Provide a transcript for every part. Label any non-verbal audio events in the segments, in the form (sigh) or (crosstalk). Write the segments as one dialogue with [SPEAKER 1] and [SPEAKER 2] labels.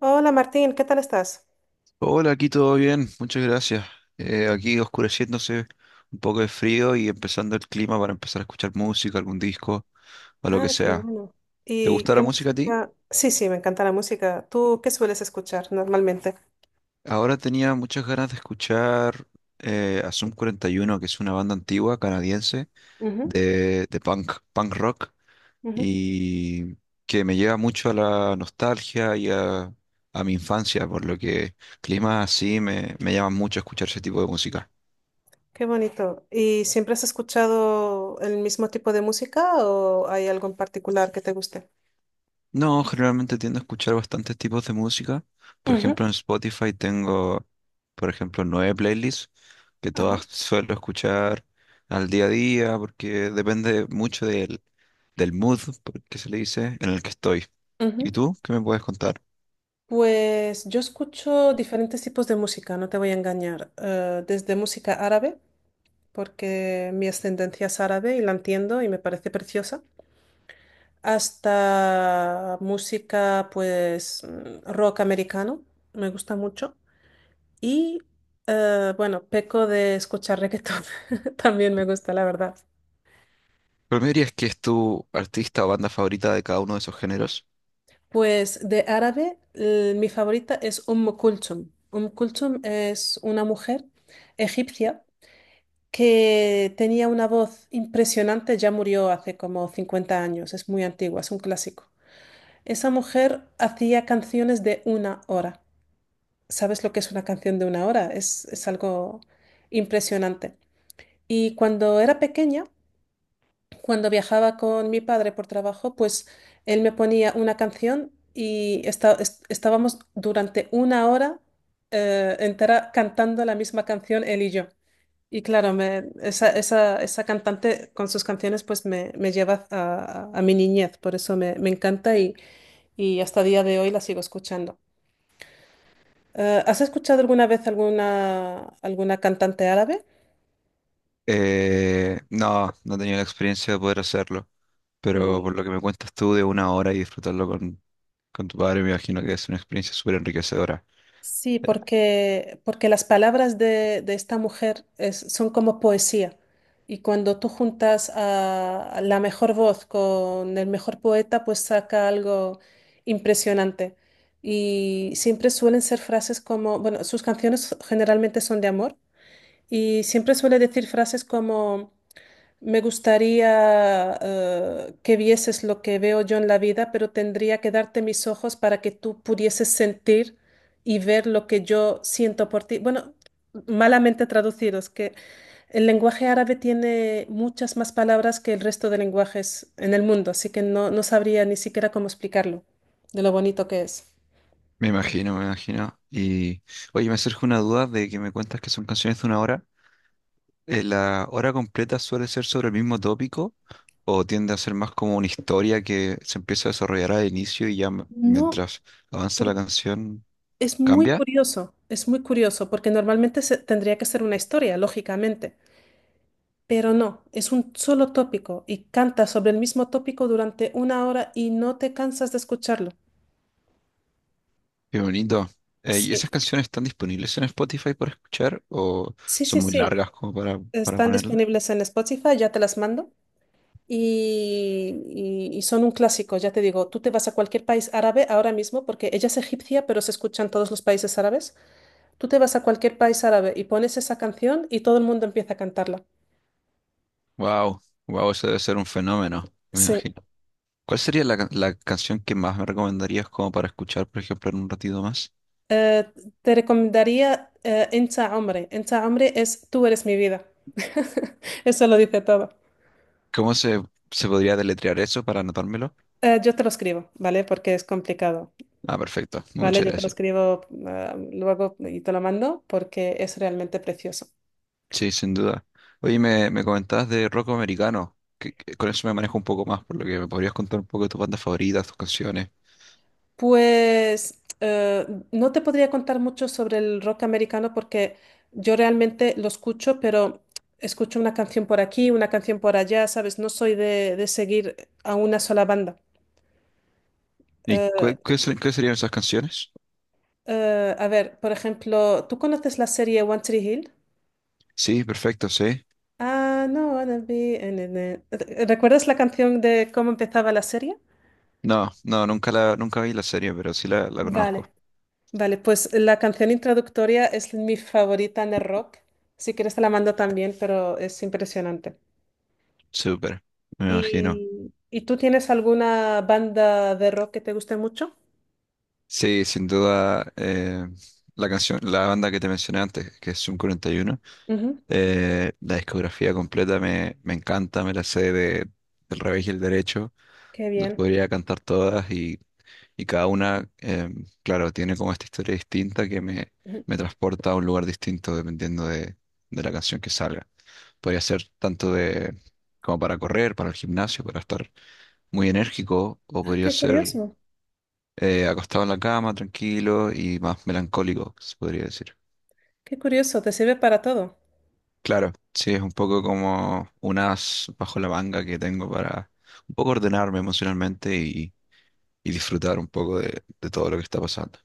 [SPEAKER 1] Hola Martín, ¿qué tal estás?
[SPEAKER 2] Hola, aquí todo bien, muchas gracias. Aquí oscureciéndose, un poco de frío y empezando el clima para empezar a escuchar música, algún disco o lo que
[SPEAKER 1] Ah, qué
[SPEAKER 2] sea.
[SPEAKER 1] bueno.
[SPEAKER 2] ¿Te
[SPEAKER 1] ¿Y
[SPEAKER 2] gusta la
[SPEAKER 1] qué
[SPEAKER 2] música a ti?
[SPEAKER 1] música? Sí, sí, me encanta la música. ¿Tú qué sueles escuchar normalmente?
[SPEAKER 2] Ahora tenía muchas ganas de escuchar a Sum 41, que es una banda antigua canadiense
[SPEAKER 1] Ujú,
[SPEAKER 2] de punk, punk rock
[SPEAKER 1] ujú.
[SPEAKER 2] y que me lleva mucho a la nostalgia y a mi infancia, por lo que climas así me llaman mucho a escuchar ese tipo de música.
[SPEAKER 1] Qué bonito. ¿Y siempre has escuchado el mismo tipo de música o hay algo en particular que te guste?
[SPEAKER 2] No, generalmente tiendo a escuchar bastantes tipos de música. Por
[SPEAKER 1] Ujú,
[SPEAKER 2] ejemplo, en Spotify tengo, por ejemplo, nueve playlists que
[SPEAKER 1] ajá,
[SPEAKER 2] todas suelo escuchar al día a día porque depende mucho del mood, que se le dice, en el que estoy. ¿Y
[SPEAKER 1] ujú.
[SPEAKER 2] tú? ¿Qué me puedes contar?
[SPEAKER 1] Pues yo escucho diferentes tipos de música, no te voy a engañar. Desde música árabe, porque mi ascendencia es árabe y la entiendo y me parece preciosa. Hasta música, pues, rock americano, me gusta mucho. Y, bueno, peco de escuchar reggaetón, (laughs) también me gusta, la verdad.
[SPEAKER 2] ¿Pero me dirías que es tu artista o banda favorita de cada uno de esos géneros?
[SPEAKER 1] Pues de árabe, mi favorita es Umm Kulthum. Umm Kulthum es una mujer egipcia que tenía una voz impresionante, ya murió hace como 50 años, es muy antigua, es un clásico. Esa mujer hacía canciones de una hora. ¿Sabes lo que es una canción de una hora? Es algo impresionante. Y cuando era pequeña, cuando viajaba con mi padre por trabajo, pues él me ponía una canción y estábamos durante una hora entera cantando la misma canción él y yo. Y claro, esa cantante con sus canciones pues me lleva a mi niñez, por eso me encanta y hasta día de hoy la sigo escuchando. ¿Has escuchado alguna vez alguna cantante árabe?
[SPEAKER 2] No, no he tenido la experiencia de poder hacerlo, pero
[SPEAKER 1] Mm,
[SPEAKER 2] por lo que me cuentas tú de una hora y disfrutarlo con tu padre, me imagino que es una experiencia súper enriquecedora.
[SPEAKER 1] sí, porque las palabras de esta mujer son como poesía. Y cuando tú juntas a la mejor voz con el mejor poeta, pues saca algo impresionante. Y siempre suelen ser frases como, bueno, sus canciones generalmente son de amor. Y siempre suele decir frases como: Me gustaría que vieses lo que veo yo en la vida, pero tendría que darte mis ojos para que tú pudieses sentir y ver lo que yo siento por ti. Bueno, malamente traducido, es que el lenguaje árabe tiene muchas más palabras que el resto de lenguajes en el mundo, así que no sabría ni siquiera cómo explicarlo, de lo bonito que es.
[SPEAKER 2] Me imagino, me imagino. Y oye, me surge una duda de que me cuentas que son canciones de una hora. ¿La hora completa suele ser sobre el mismo tópico o tiende a ser más como una historia que se empieza a desarrollar al inicio y ya
[SPEAKER 1] No,
[SPEAKER 2] mientras avanza la
[SPEAKER 1] Por-
[SPEAKER 2] canción
[SPEAKER 1] es muy
[SPEAKER 2] cambia?
[SPEAKER 1] curioso, es muy curioso, porque normalmente tendría que ser una historia, lógicamente. Pero no, es un solo tópico y canta sobre el mismo tópico durante una hora y no te cansas de escucharlo.
[SPEAKER 2] Qué bonito. ¿Y esas
[SPEAKER 1] Sí,
[SPEAKER 2] canciones están disponibles en Spotify para escuchar o
[SPEAKER 1] sí, sí,
[SPEAKER 2] son muy
[SPEAKER 1] sí.
[SPEAKER 2] largas como para
[SPEAKER 1] Están
[SPEAKER 2] ponerlas?
[SPEAKER 1] disponibles en Spotify, ya te las mando. Y, y son un clásico, ya te digo, tú te vas a cualquier país árabe ahora mismo, porque ella es egipcia, pero se escucha en todos los países árabes. Tú te vas a cualquier país árabe y pones esa canción y todo el mundo empieza a cantarla.
[SPEAKER 2] Wow, wow, eso debe ser un fenómeno, me
[SPEAKER 1] Sí.
[SPEAKER 2] imagino. ¿Cuál sería la canción que más me recomendarías como para escuchar, por ejemplo, en un ratito más?
[SPEAKER 1] Eh, Te recomendaría Encha Hombre. Encha Hombre es Tú eres mi vida. (laughs) Eso lo dice todo.
[SPEAKER 2] ¿Cómo se podría deletrear eso para anotármelo?
[SPEAKER 1] Yo te lo escribo, ¿vale? Porque es complicado,
[SPEAKER 2] Ah, perfecto.
[SPEAKER 1] ¿vale?
[SPEAKER 2] Muchas
[SPEAKER 1] Yo te lo
[SPEAKER 2] gracias.
[SPEAKER 1] escribo luego y te lo mando porque es realmente precioso.
[SPEAKER 2] Sí, sin duda. Oye, me comentabas de rock americano, que con eso me manejo un poco más, por lo que me podrías contar un poco de tus bandas favoritas, tus canciones.
[SPEAKER 1] Pues no te podría contar mucho sobre el rock americano porque yo realmente lo escucho, pero escucho una canción por aquí, una canción por allá, ¿sabes? No soy de seguir a una sola banda.
[SPEAKER 2] ¿Y
[SPEAKER 1] Eh,
[SPEAKER 2] qué serían esas canciones?
[SPEAKER 1] A ver, por ejemplo, ¿tú conoces la serie One Tree Hill?
[SPEAKER 2] Sí, perfecto, sí.
[SPEAKER 1] Ah, no, wanna be. ¿Recuerdas la canción de cómo empezaba la serie?
[SPEAKER 2] No, no, nunca vi la serie, pero sí la conozco.
[SPEAKER 1] Vale, vale, pues la canción introductoria es mi favorita en el rock. Si quieres te la mando también, pero es impresionante.
[SPEAKER 2] Súper, me imagino.
[SPEAKER 1] ¿Y tú tienes alguna banda de rock que te guste mucho?
[SPEAKER 2] Sí, sin duda, la banda que te mencioné antes, que es Zoom 41,
[SPEAKER 1] Ujú,
[SPEAKER 2] la discografía completa me encanta, me la sé del revés y el derecho,
[SPEAKER 1] qué
[SPEAKER 2] las
[SPEAKER 1] bien.
[SPEAKER 2] podría cantar todas y cada una, claro, tiene como esta historia distinta que
[SPEAKER 1] Ujú.
[SPEAKER 2] me transporta a un lugar distinto dependiendo de la canción que salga. Podría ser tanto de como para correr, para el gimnasio, para estar muy enérgico, o
[SPEAKER 1] Ah,
[SPEAKER 2] podría ser acostado en la cama, tranquilo y más melancólico, se podría decir.
[SPEAKER 1] qué curioso, te sirve para todo.
[SPEAKER 2] Claro, sí, es un poco como un as bajo la manga que tengo para un poco ordenarme emocionalmente y disfrutar un poco de todo lo que está pasando.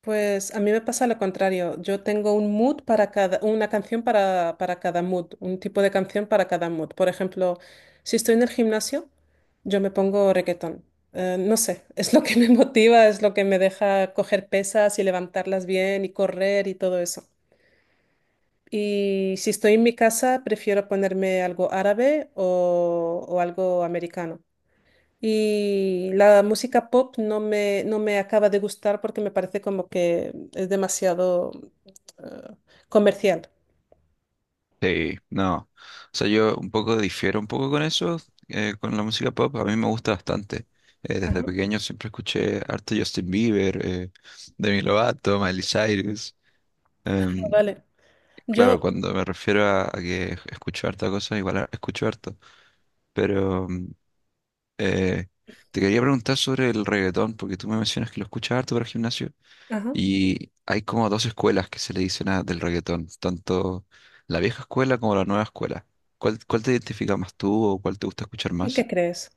[SPEAKER 1] Pues a mí me pasa lo contrario. Yo tengo un mood para una canción para cada mood, un tipo de canción para cada mood. Por ejemplo, si estoy en el gimnasio, yo me pongo reggaetón. No sé, (laughs) es lo que me (laughs) motiva, es lo que me deja coger pesas y levantarlas bien y correr y todo eso. Y si estoy en mi casa, prefiero ponerme algo árabe o algo americano. Y la música pop no me acaba de gustar porque me parece como que es demasiado eh, comercial.
[SPEAKER 2] Sí, no, o sea, yo un poco difiero un poco con eso, con la música pop, a mí me gusta bastante. Desde
[SPEAKER 1] Ajá,
[SPEAKER 2] pequeño siempre escuché harto Justin Bieber, Demi Lovato, Miley Cyrus.
[SPEAKER 1] ah, vale.
[SPEAKER 2] Claro,
[SPEAKER 1] Yo,
[SPEAKER 2] cuando me refiero a que escucho harta cosa, igual escucho harto. Pero eh, te quería preguntar sobre el reggaetón, porque tú me mencionas que lo escuchas harto para el gimnasio.
[SPEAKER 1] ajá.
[SPEAKER 2] Y hay como dos escuelas que se le dicen del reggaetón, tanto la vieja escuela como la nueva escuela. ¿Cuál, cuál te identifica más tú o cuál te gusta escuchar
[SPEAKER 1] ¿Tú qué
[SPEAKER 2] más?
[SPEAKER 1] crees?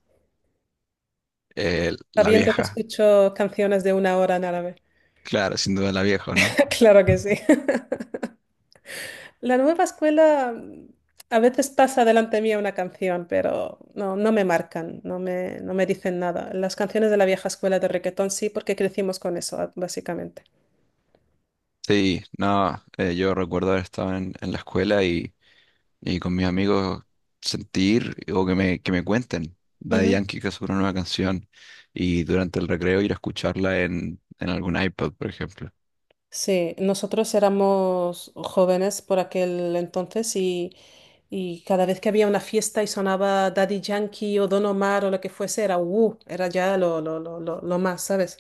[SPEAKER 2] La
[SPEAKER 1] Sabiendo que
[SPEAKER 2] vieja,
[SPEAKER 1] escucho canciones de una hora en árabe.
[SPEAKER 2] claro, sin duda la vieja, ¿no?
[SPEAKER 1] (laughs) Claro que sí. (laughs) La nueva escuela a veces pasa delante mía una canción, pero no me marcan, no me dicen nada. Las canciones de la vieja escuela de reggaetón sí, porque crecimos con eso, básicamente.
[SPEAKER 2] Sí, no, yo recuerdo haber estado en la escuela y con mis amigos sentir o que que me cuenten. Daddy Yankee que sacó una nueva canción y durante el recreo ir a escucharla en algún iPod, por ejemplo.
[SPEAKER 1] Sí, nosotros éramos jóvenes por aquel entonces y cada vez que había una fiesta y sonaba Daddy Yankee o Don Omar o lo que fuese, era ya lo más, ¿sabes?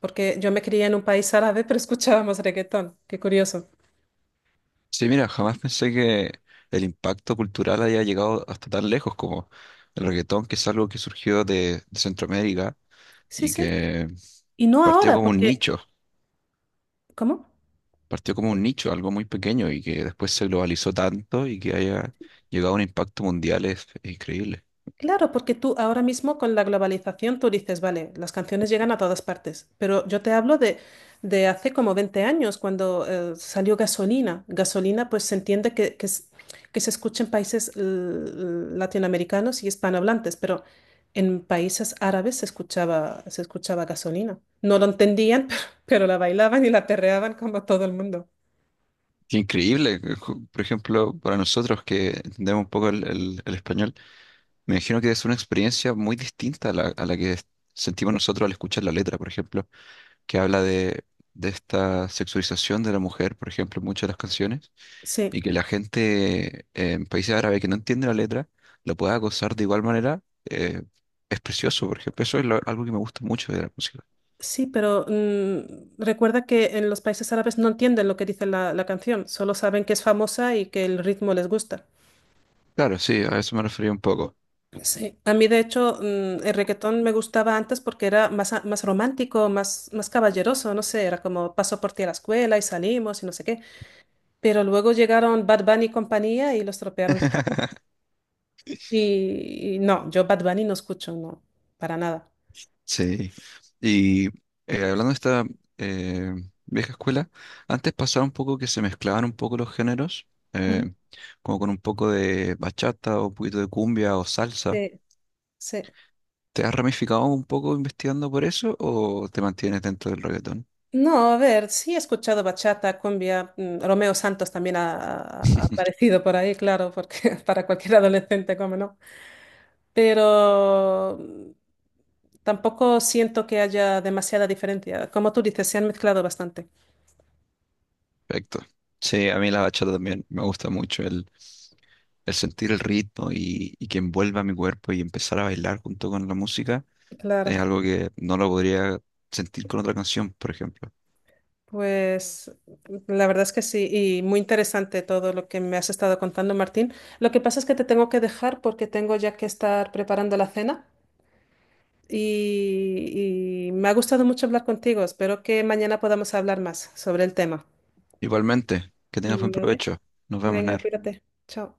[SPEAKER 1] Porque yo me crié en un país árabe, (laughs) pero escuchábamos reggaetón. Qué curioso.
[SPEAKER 2] Sí, mira, jamás pensé que el impacto cultural haya llegado hasta tan lejos como el reggaetón, que es algo que surgió de Centroamérica
[SPEAKER 1] Sí,
[SPEAKER 2] y
[SPEAKER 1] sí.
[SPEAKER 2] que
[SPEAKER 1] Y no
[SPEAKER 2] partió
[SPEAKER 1] ahora,
[SPEAKER 2] como un
[SPEAKER 1] porque.
[SPEAKER 2] nicho,
[SPEAKER 1] ¿Cómo?
[SPEAKER 2] partió como un nicho, algo muy pequeño y que después se globalizó tanto y que haya llegado a un impacto mundial es increíble.
[SPEAKER 1] Claro, porque tú ahora mismo con la globalización tú dices, vale, las canciones llegan a todas partes, pero yo te hablo de hace como 20 años, cuando salió Gasolina. Gasolina, pues se entiende que se escucha en países latinoamericanos y hispanohablantes, pero en países árabes se escuchaba Gasolina. No lo entendían, (laughs) pero la bailaban y la perreaban como todo el mundo.
[SPEAKER 2] Qué increíble, que por ejemplo, para nosotros que entendemos un poco el, el español, me imagino que es una experiencia muy distinta a a la que sentimos nosotros al escuchar la letra, por ejemplo, que habla de esta sexualización de la mujer, por ejemplo, en muchas de las canciones,
[SPEAKER 1] Sí.
[SPEAKER 2] y que la gente en países árabes que no entiende la letra la pueda gozar de igual manera, eh, es precioso, por ejemplo, eso es algo que me gusta mucho de la música.
[SPEAKER 1] Sí, pero recuerda que en los países árabes no entienden lo que dice la canción, solo saben que es famosa y que el ritmo les gusta.
[SPEAKER 2] Claro, sí, a eso me refería un poco.
[SPEAKER 1] Sí, a mí de hecho el reggaetón me gustaba antes porque era más romántico, más caballeroso, no sé, era como paso por ti a la escuela y salimos y no sé qué. Pero luego llegaron Bad Bunny y compañía y lo estropearon todo.
[SPEAKER 2] (laughs)
[SPEAKER 1] Y no, yo Bad Bunny no escucho, no, para nada.
[SPEAKER 2] Sí. Y hablando de esta eh, vieja escuela, antes pasaba un poco que se mezclaban un poco los géneros, eh,
[SPEAKER 1] Ujú.
[SPEAKER 2] como con un poco de bachata o un poquito de cumbia o salsa.
[SPEAKER 1] Sí, sí.
[SPEAKER 2] ¿Te has ramificado un poco investigando por eso o te mantienes dentro del reggaetón?
[SPEAKER 1] No, a ver, sí he escuchado bachata, cumbia, Romeo Santos también ha
[SPEAKER 2] (laughs)
[SPEAKER 1] aparecido por ahí, claro, porque (laughs) para cualquier adolescente, cómo no. Pero tampoco siento que haya demasiada diferencia. Como tú dices, se han mezclado bastante.
[SPEAKER 2] Perfecto. Sí, a mí la bachata también me gusta mucho, el sentir el ritmo y que envuelva mi cuerpo y empezar a bailar junto con la música
[SPEAKER 1] Claro,
[SPEAKER 2] es algo que no lo podría sentir con otra canción, por ejemplo.
[SPEAKER 1] pues la verdad es que sí, y muy interesante todo lo que me has estado contando, Martín. Lo que pasa es que te tengo que dejar porque tengo ya que estar preparando la cena. Y me ha gustado mucho hablar contigo. Espero que mañana podamos hablar más sobre el tema.
[SPEAKER 2] Igualmente, que tengas
[SPEAKER 1] Mm,
[SPEAKER 2] buen
[SPEAKER 1] vale,
[SPEAKER 2] provecho. Nos vemos,
[SPEAKER 1] venga,
[SPEAKER 2] Ner.
[SPEAKER 1] cuídate. Chao.